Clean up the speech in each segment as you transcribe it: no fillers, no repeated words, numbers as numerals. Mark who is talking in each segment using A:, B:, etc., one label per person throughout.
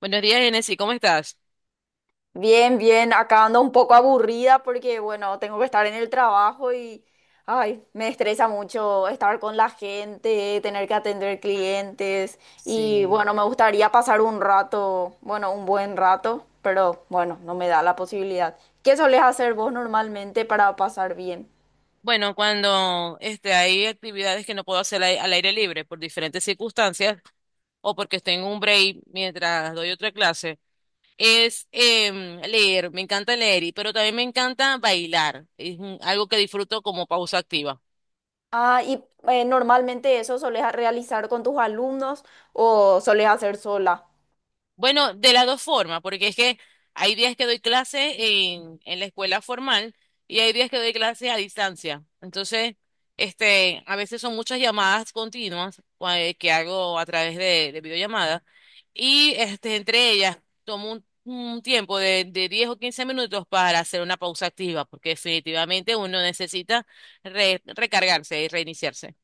A: Buenos días, Genesis, ¿cómo estás?
B: Bien, bien, acá ando un poco aburrida porque, bueno, tengo que estar en el trabajo y, ay, me estresa mucho estar con la gente, tener que atender clientes y,
A: Sí,
B: bueno, me gustaría pasar un rato, bueno, un buen rato, pero, bueno, no me da la posibilidad. ¿Qué solés hacer vos normalmente para pasar bien?
A: bueno, cuando hay actividades que no puedo hacer al aire libre por diferentes circunstancias o porque estoy en un break mientras doy otra clase, es leer. Me encanta leer, pero también me encanta bailar, algo que disfruto como pausa activa.
B: Ah, y normalmente eso solés realizar con tus alumnos o solés hacer sola.
A: Bueno, de las dos formas, porque es que hay días que doy clases en la escuela formal y hay días que doy clases a distancia. Entonces, a veces son muchas llamadas continuas que hago a través de videollamadas, y entre ellas tomo un tiempo de 10 o 15 minutos para hacer una pausa activa, porque definitivamente uno necesita recargarse y reiniciarse.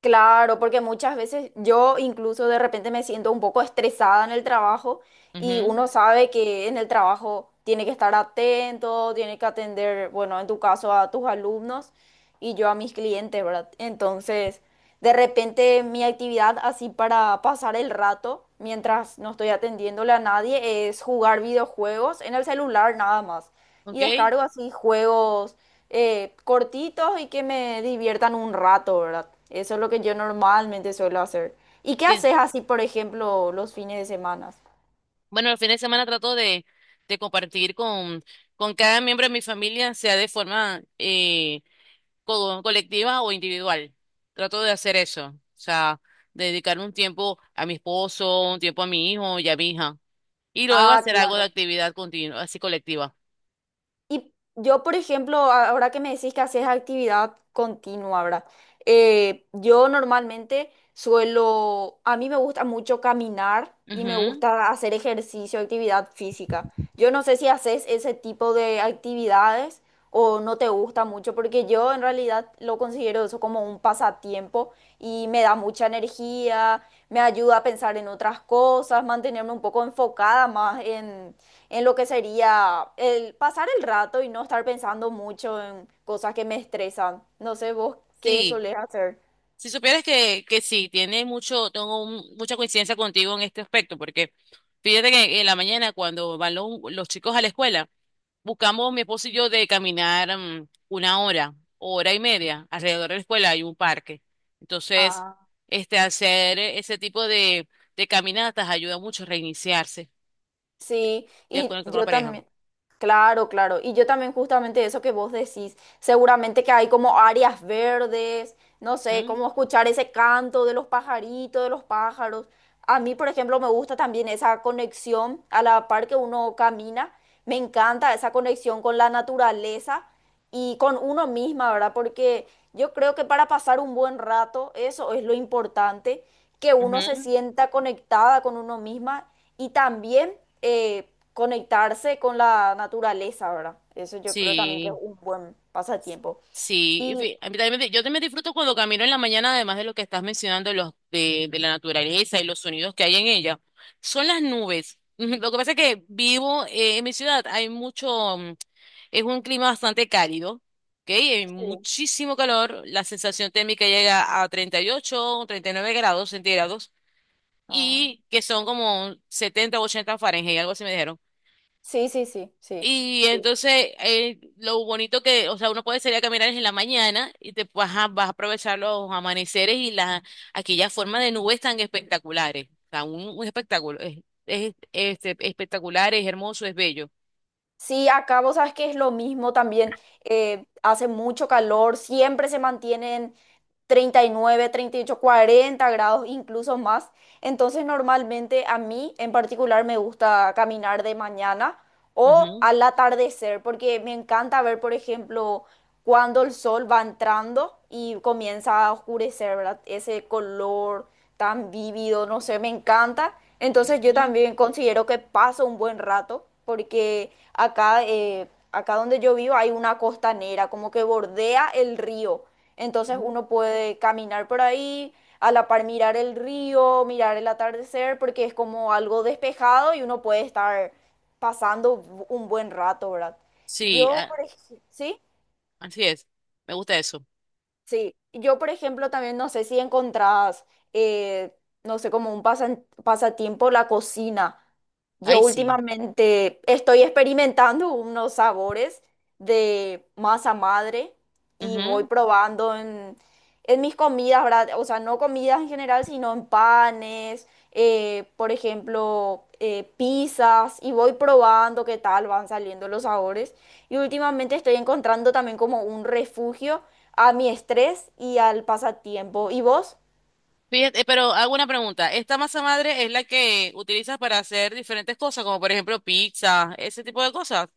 B: Claro, porque muchas veces yo incluso de repente me siento un poco estresada en el trabajo y
A: Ujú.
B: uno sabe que en el trabajo tiene que estar atento, tiene que atender, bueno, en tu caso a tus alumnos y yo a mis clientes, ¿verdad? Entonces, de repente mi actividad así para pasar el rato, mientras no estoy atendiéndole a nadie, es jugar videojuegos en el celular nada más.
A: ¿Ok?
B: Y descargo así juegos cortitos y que me diviertan un rato, ¿verdad? Eso es lo que yo normalmente suelo hacer. ¿Y qué
A: ¿Qué?
B: haces así, por ejemplo, los fines de semana?
A: Bueno, el fin de semana trato de compartir con cada miembro de mi familia, sea de forma colectiva o individual. Trato de hacer eso, o sea, dedicar un tiempo a mi esposo, un tiempo a mi hijo y a mi hija, y luego
B: Ah,
A: hacer algo de
B: claro.
A: actividad continua, así colectiva.
B: Y yo, por ejemplo, ahora que me decís que haces actividad continua, ¿verdad? Yo normalmente suelo, a mí me gusta mucho caminar y me
A: Ujú.
B: gusta hacer ejercicio, actividad física. Yo no sé si haces ese tipo de actividades o no te gusta mucho, porque yo en realidad lo considero eso como un pasatiempo y me da mucha energía, me ayuda a pensar en otras cosas, mantenerme un poco enfocada más en lo que sería el pasar el rato y no estar pensando mucho en cosas que me estresan. No sé, vos que eso
A: Sí,
B: le hace
A: si supieras que, sí, tiene mucho, tengo mucha coincidencia contigo en este aspecto, porque fíjate que en la mañana cuando van los chicos a la escuela, buscamos mi esposo y yo de caminar una hora, hora y media. Alrededor de la escuela hay un parque. Entonces,
B: a,
A: hacer ese tipo de caminatas ayuda mucho a reiniciarse,
B: sí,
A: ya
B: y
A: con la
B: yo
A: pareja.
B: también, claro, claro, y yo también justamente eso que vos decís, seguramente que hay como áreas verdes, no sé,
A: Ujú,
B: como escuchar ese canto de los pajaritos, de los pájaros. A mí, por ejemplo, me gusta también esa conexión a la par que uno camina, me encanta esa conexión con la naturaleza y con uno misma, ¿verdad? Porque yo creo que para pasar un buen rato, eso es lo importante, que uno se
A: ujú.
B: sienta conectada con uno misma y también conectarse con la naturaleza, ¿verdad? Eso yo creo también que es
A: Sí.
B: un buen pasatiempo.
A: Sí, y
B: Y
A: a mí también yo también disfruto cuando camino en la mañana, además de lo que estás mencionando, los de la naturaleza y los sonidos que hay en ella. Son las nubes. Lo que pasa es que vivo en mi ciudad, hay mucho, es un clima bastante cálido, ¿ok? Hay
B: sí,
A: muchísimo calor, la sensación térmica llega a 38 o 39 grados centígrados
B: ah,
A: y que son como 70 o 80 Fahrenheit, algo así me dijeron.
B: sí, sí, sí, sí.
A: Y
B: Sí,
A: entonces, lo bonito que, o sea, uno puede salir a caminar en la mañana y te vas a aprovechar los amaneceres y las aquellas formas de nubes tan espectaculares. O sea, un espectáculo. Es espectacular, es hermoso, es bello.
B: sí, acá vos sabes que es lo mismo también. Eh, hace mucho calor, siempre se mantienen 30, 39, 38, 40 grados, incluso más. Entonces normalmente a mí en particular me gusta caminar de mañana o
A: Ujú,
B: al atardecer porque me encanta ver, por ejemplo, cuando el sol va entrando y comienza a oscurecer, ¿verdad? Ese color tan vívido, no sé, me encanta. Entonces yo
A: ujú,
B: también considero que paso un buen rato porque acá, acá donde yo vivo hay una costanera, como que bordea el río. Entonces
A: ujú.
B: uno puede caminar por ahí, a la par mirar el río, mirar el atardecer, porque es como algo despejado y uno puede estar pasando un buen rato, ¿verdad?
A: Sí,
B: Yo, por ejemplo, ¿sí?
A: así es. Me gusta eso.
B: Sí, yo por ejemplo también no sé si encontrás, eh, no sé, como un pasatiempo la cocina. Yo
A: Ahí sí.
B: últimamente estoy experimentando unos sabores de masa madre y voy
A: Ujú.
B: probando en mis comidas, ¿verdad? O sea, no comidas en general, sino en panes, por ejemplo, pizzas, y voy probando qué tal van saliendo los sabores. Y últimamente estoy encontrando también como un refugio a mi estrés y al pasatiempo. ¿Y vos?
A: Fíjate, pero hago una pregunta. ¿Esta masa madre es la que utilizas para hacer diferentes cosas, como por ejemplo pizza, ese tipo de cosas?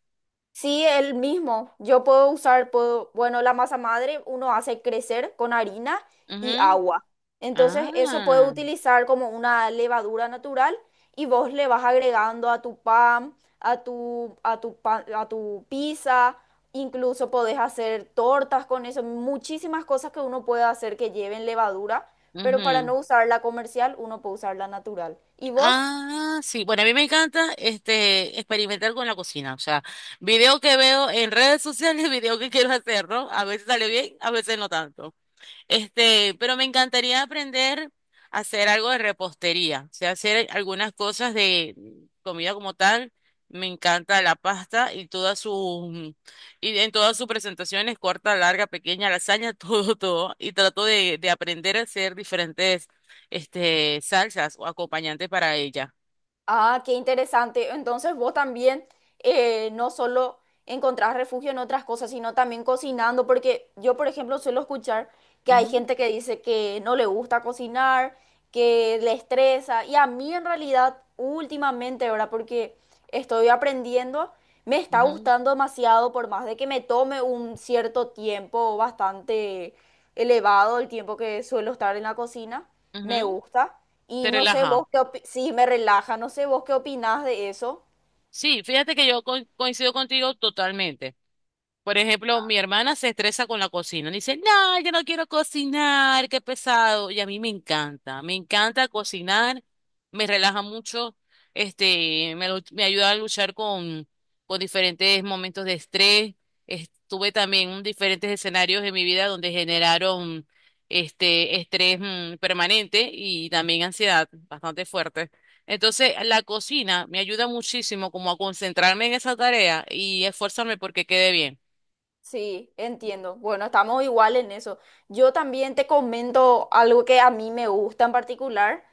B: Sí, el mismo. Yo puedo usar, puedo, bueno, la masa madre uno hace crecer con harina y
A: Ujú.
B: agua. Entonces eso puedo
A: Ah.
B: utilizar como una levadura natural y vos le vas agregando a tu pan, a tu pan, a tu pizza. Incluso podés hacer tortas con eso. Muchísimas cosas que uno puede hacer que lleven levadura, pero para
A: Ujú.
B: no usar la comercial, uno puede usar la natural. ¿Y vos?
A: Ah, sí. Bueno, a mí me encanta experimentar con la cocina. O sea, video que veo en redes sociales, video que quiero hacer, ¿no? A veces sale bien, a veces no tanto. Pero me encantaría aprender a hacer algo de repostería, o sea, hacer algunas cosas de comida como tal. Me encanta la pasta y en todas sus presentaciones, corta, larga, pequeña, lasaña, todo, todo. Y trato de aprender a hacer diferentes salsas o acompañantes para ella.
B: Ah, qué interesante. Entonces vos también no solo encontrás refugio en otras cosas, sino también cocinando, porque yo, por ejemplo, suelo escuchar que hay
A: Ujú,
B: gente que dice que no le gusta cocinar, que le estresa, y a mí en realidad últimamente, ahora porque estoy aprendiendo, me está
A: ujú,
B: gustando demasiado, por más de que me tome un cierto tiempo bastante elevado el tiempo que suelo estar en la cocina me
A: ujú.
B: gusta. Y
A: Te
B: no sé
A: relaja.
B: vos qué opi- sí, me relaja, no sé vos qué opinás de eso.
A: Sí, fíjate que yo coincido contigo totalmente. Por ejemplo, mi hermana se estresa con la cocina. Dice, no, yo no quiero cocinar, qué pesado. Y a mí me encanta cocinar, me relaja mucho, me ayuda a luchar con diferentes momentos de estrés. Estuve también en diferentes escenarios de mi vida donde generaron este estrés permanente, y también ansiedad bastante fuerte. Entonces, la cocina me ayuda muchísimo como a concentrarme en esa tarea y esforzarme porque quede bien.
B: Sí, entiendo. Bueno, estamos igual en eso. Yo también te comento algo que a mí me gusta en particular,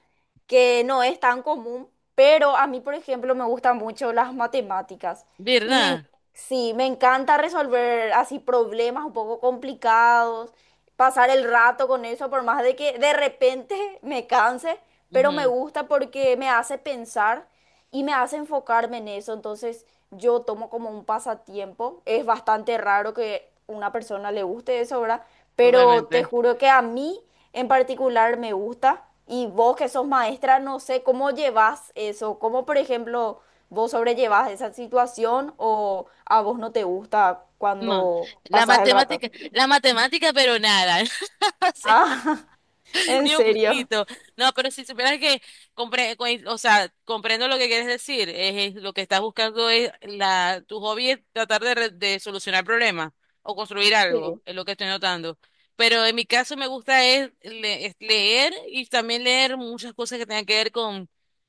B: que no es tan común, pero a mí, por ejemplo, me gustan mucho las matemáticas. Y
A: ¿Verdad?
B: sí, me encanta resolver así problemas un poco complicados, pasar el rato con eso, por más de que de repente me canse, pero me
A: Ujú,
B: gusta porque me hace pensar y me hace enfocarme en eso, entonces yo tomo como un pasatiempo. Es bastante raro que una persona le guste eso, ¿verdad? Pero te
A: totalmente.
B: juro que a mí en particular me gusta y vos que sos maestra, no sé cómo llevas eso, cómo por ejemplo vos sobrellevas esa situación o a vos no te gusta
A: No,
B: cuando pasas el rato.
A: la matemática, pero nada. O sea,
B: Ah, ¿en
A: ni un
B: serio?
A: poquito. No, pero si supieras que o sea, comprendo lo que quieres decir. Es lo que estás buscando es tu hobby es tratar de solucionar problemas o construir algo,
B: Sí.
A: es lo que estoy notando. Pero en mi caso me gusta es leer, y también leer muchas cosas que tengan que ver con,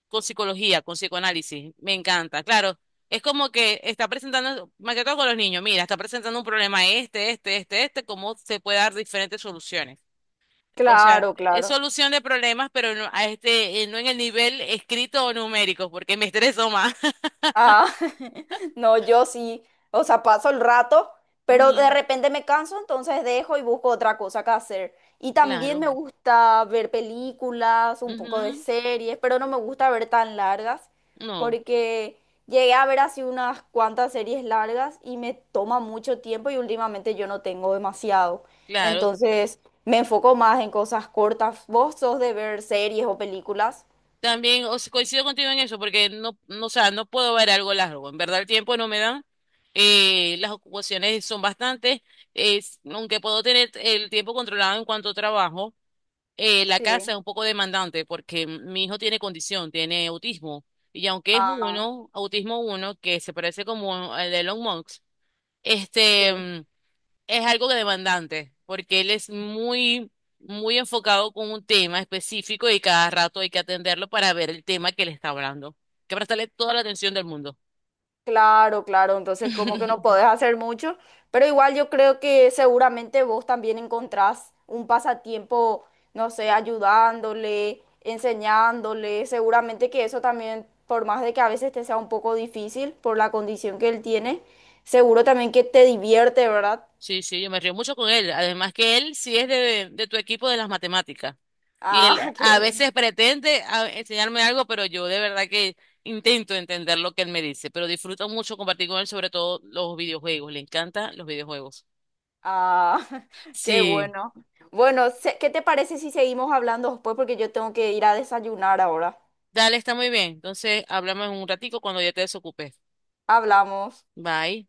A: con psicología, con psicoanálisis. Me encanta. Claro, es como que está presentando, más que todo con los niños, mira, está presentando un problema cómo se puede dar diferentes soluciones. O sea,
B: Claro,
A: es
B: claro.
A: solución de problemas, pero no, no en el nivel escrito o numérico, porque me estreso más.
B: Ah, no, yo sí, o sea, paso el rato, pero de
A: Ujú,
B: repente me canso, entonces dejo y busco otra cosa que hacer. Y también
A: claro.
B: me gusta ver películas, un poco de
A: Ujú.
B: series, pero no me gusta ver tan largas,
A: No,
B: porque llegué a ver así unas cuantas series largas y me toma mucho tiempo y últimamente yo no tengo demasiado.
A: claro.
B: Entonces me enfoco más en cosas cortas. ¿Vos sos de ver series o películas?
A: También, o sea, coincido contigo en eso, porque no, o sea, no puedo ver algo largo. En verdad, el tiempo no me dan. Las ocupaciones son bastantes. Aunque puedo tener el tiempo controlado en cuanto trabajo, la casa
B: Sí.
A: es un poco demandante porque mi hijo tiene condición, tiene autismo. Y aunque es
B: Ah,
A: uno, autismo uno, que se parece como al de Elon Musk, este,
B: sí.
A: mm, es algo que demandante porque él es muy, muy enfocado con un tema específico, y cada rato hay que atenderlo para ver el tema que le está hablando. Que prestarle toda la atención del mundo.
B: Claro, claro, entonces como que no podés hacer mucho, pero igual yo creo que seguramente vos también encontrás un pasatiempo, no sé, ayudándole, enseñándole, seguramente que eso también, por más de que a veces te sea un poco difícil por la condición que él tiene, seguro también que te divierte, ¿verdad?
A: Sí, sí, yo me río mucho con él. Además, que él sí es de tu equipo de las matemáticas. Y él
B: Ah, qué
A: a
B: bueno.
A: veces pretende enseñarme algo, pero yo de verdad que intento entender lo que él me dice, pero disfruto mucho compartir con él, sobre todo los videojuegos. Le encantan los videojuegos.
B: Ah, qué
A: Sí,
B: bueno. Bueno, ¿qué te parece si seguimos hablando después? Porque yo tengo que ir a desayunar ahora.
A: dale, está muy bien. Entonces, hablamos en un ratico cuando ya te desocupes.
B: Hablamos.
A: Bye.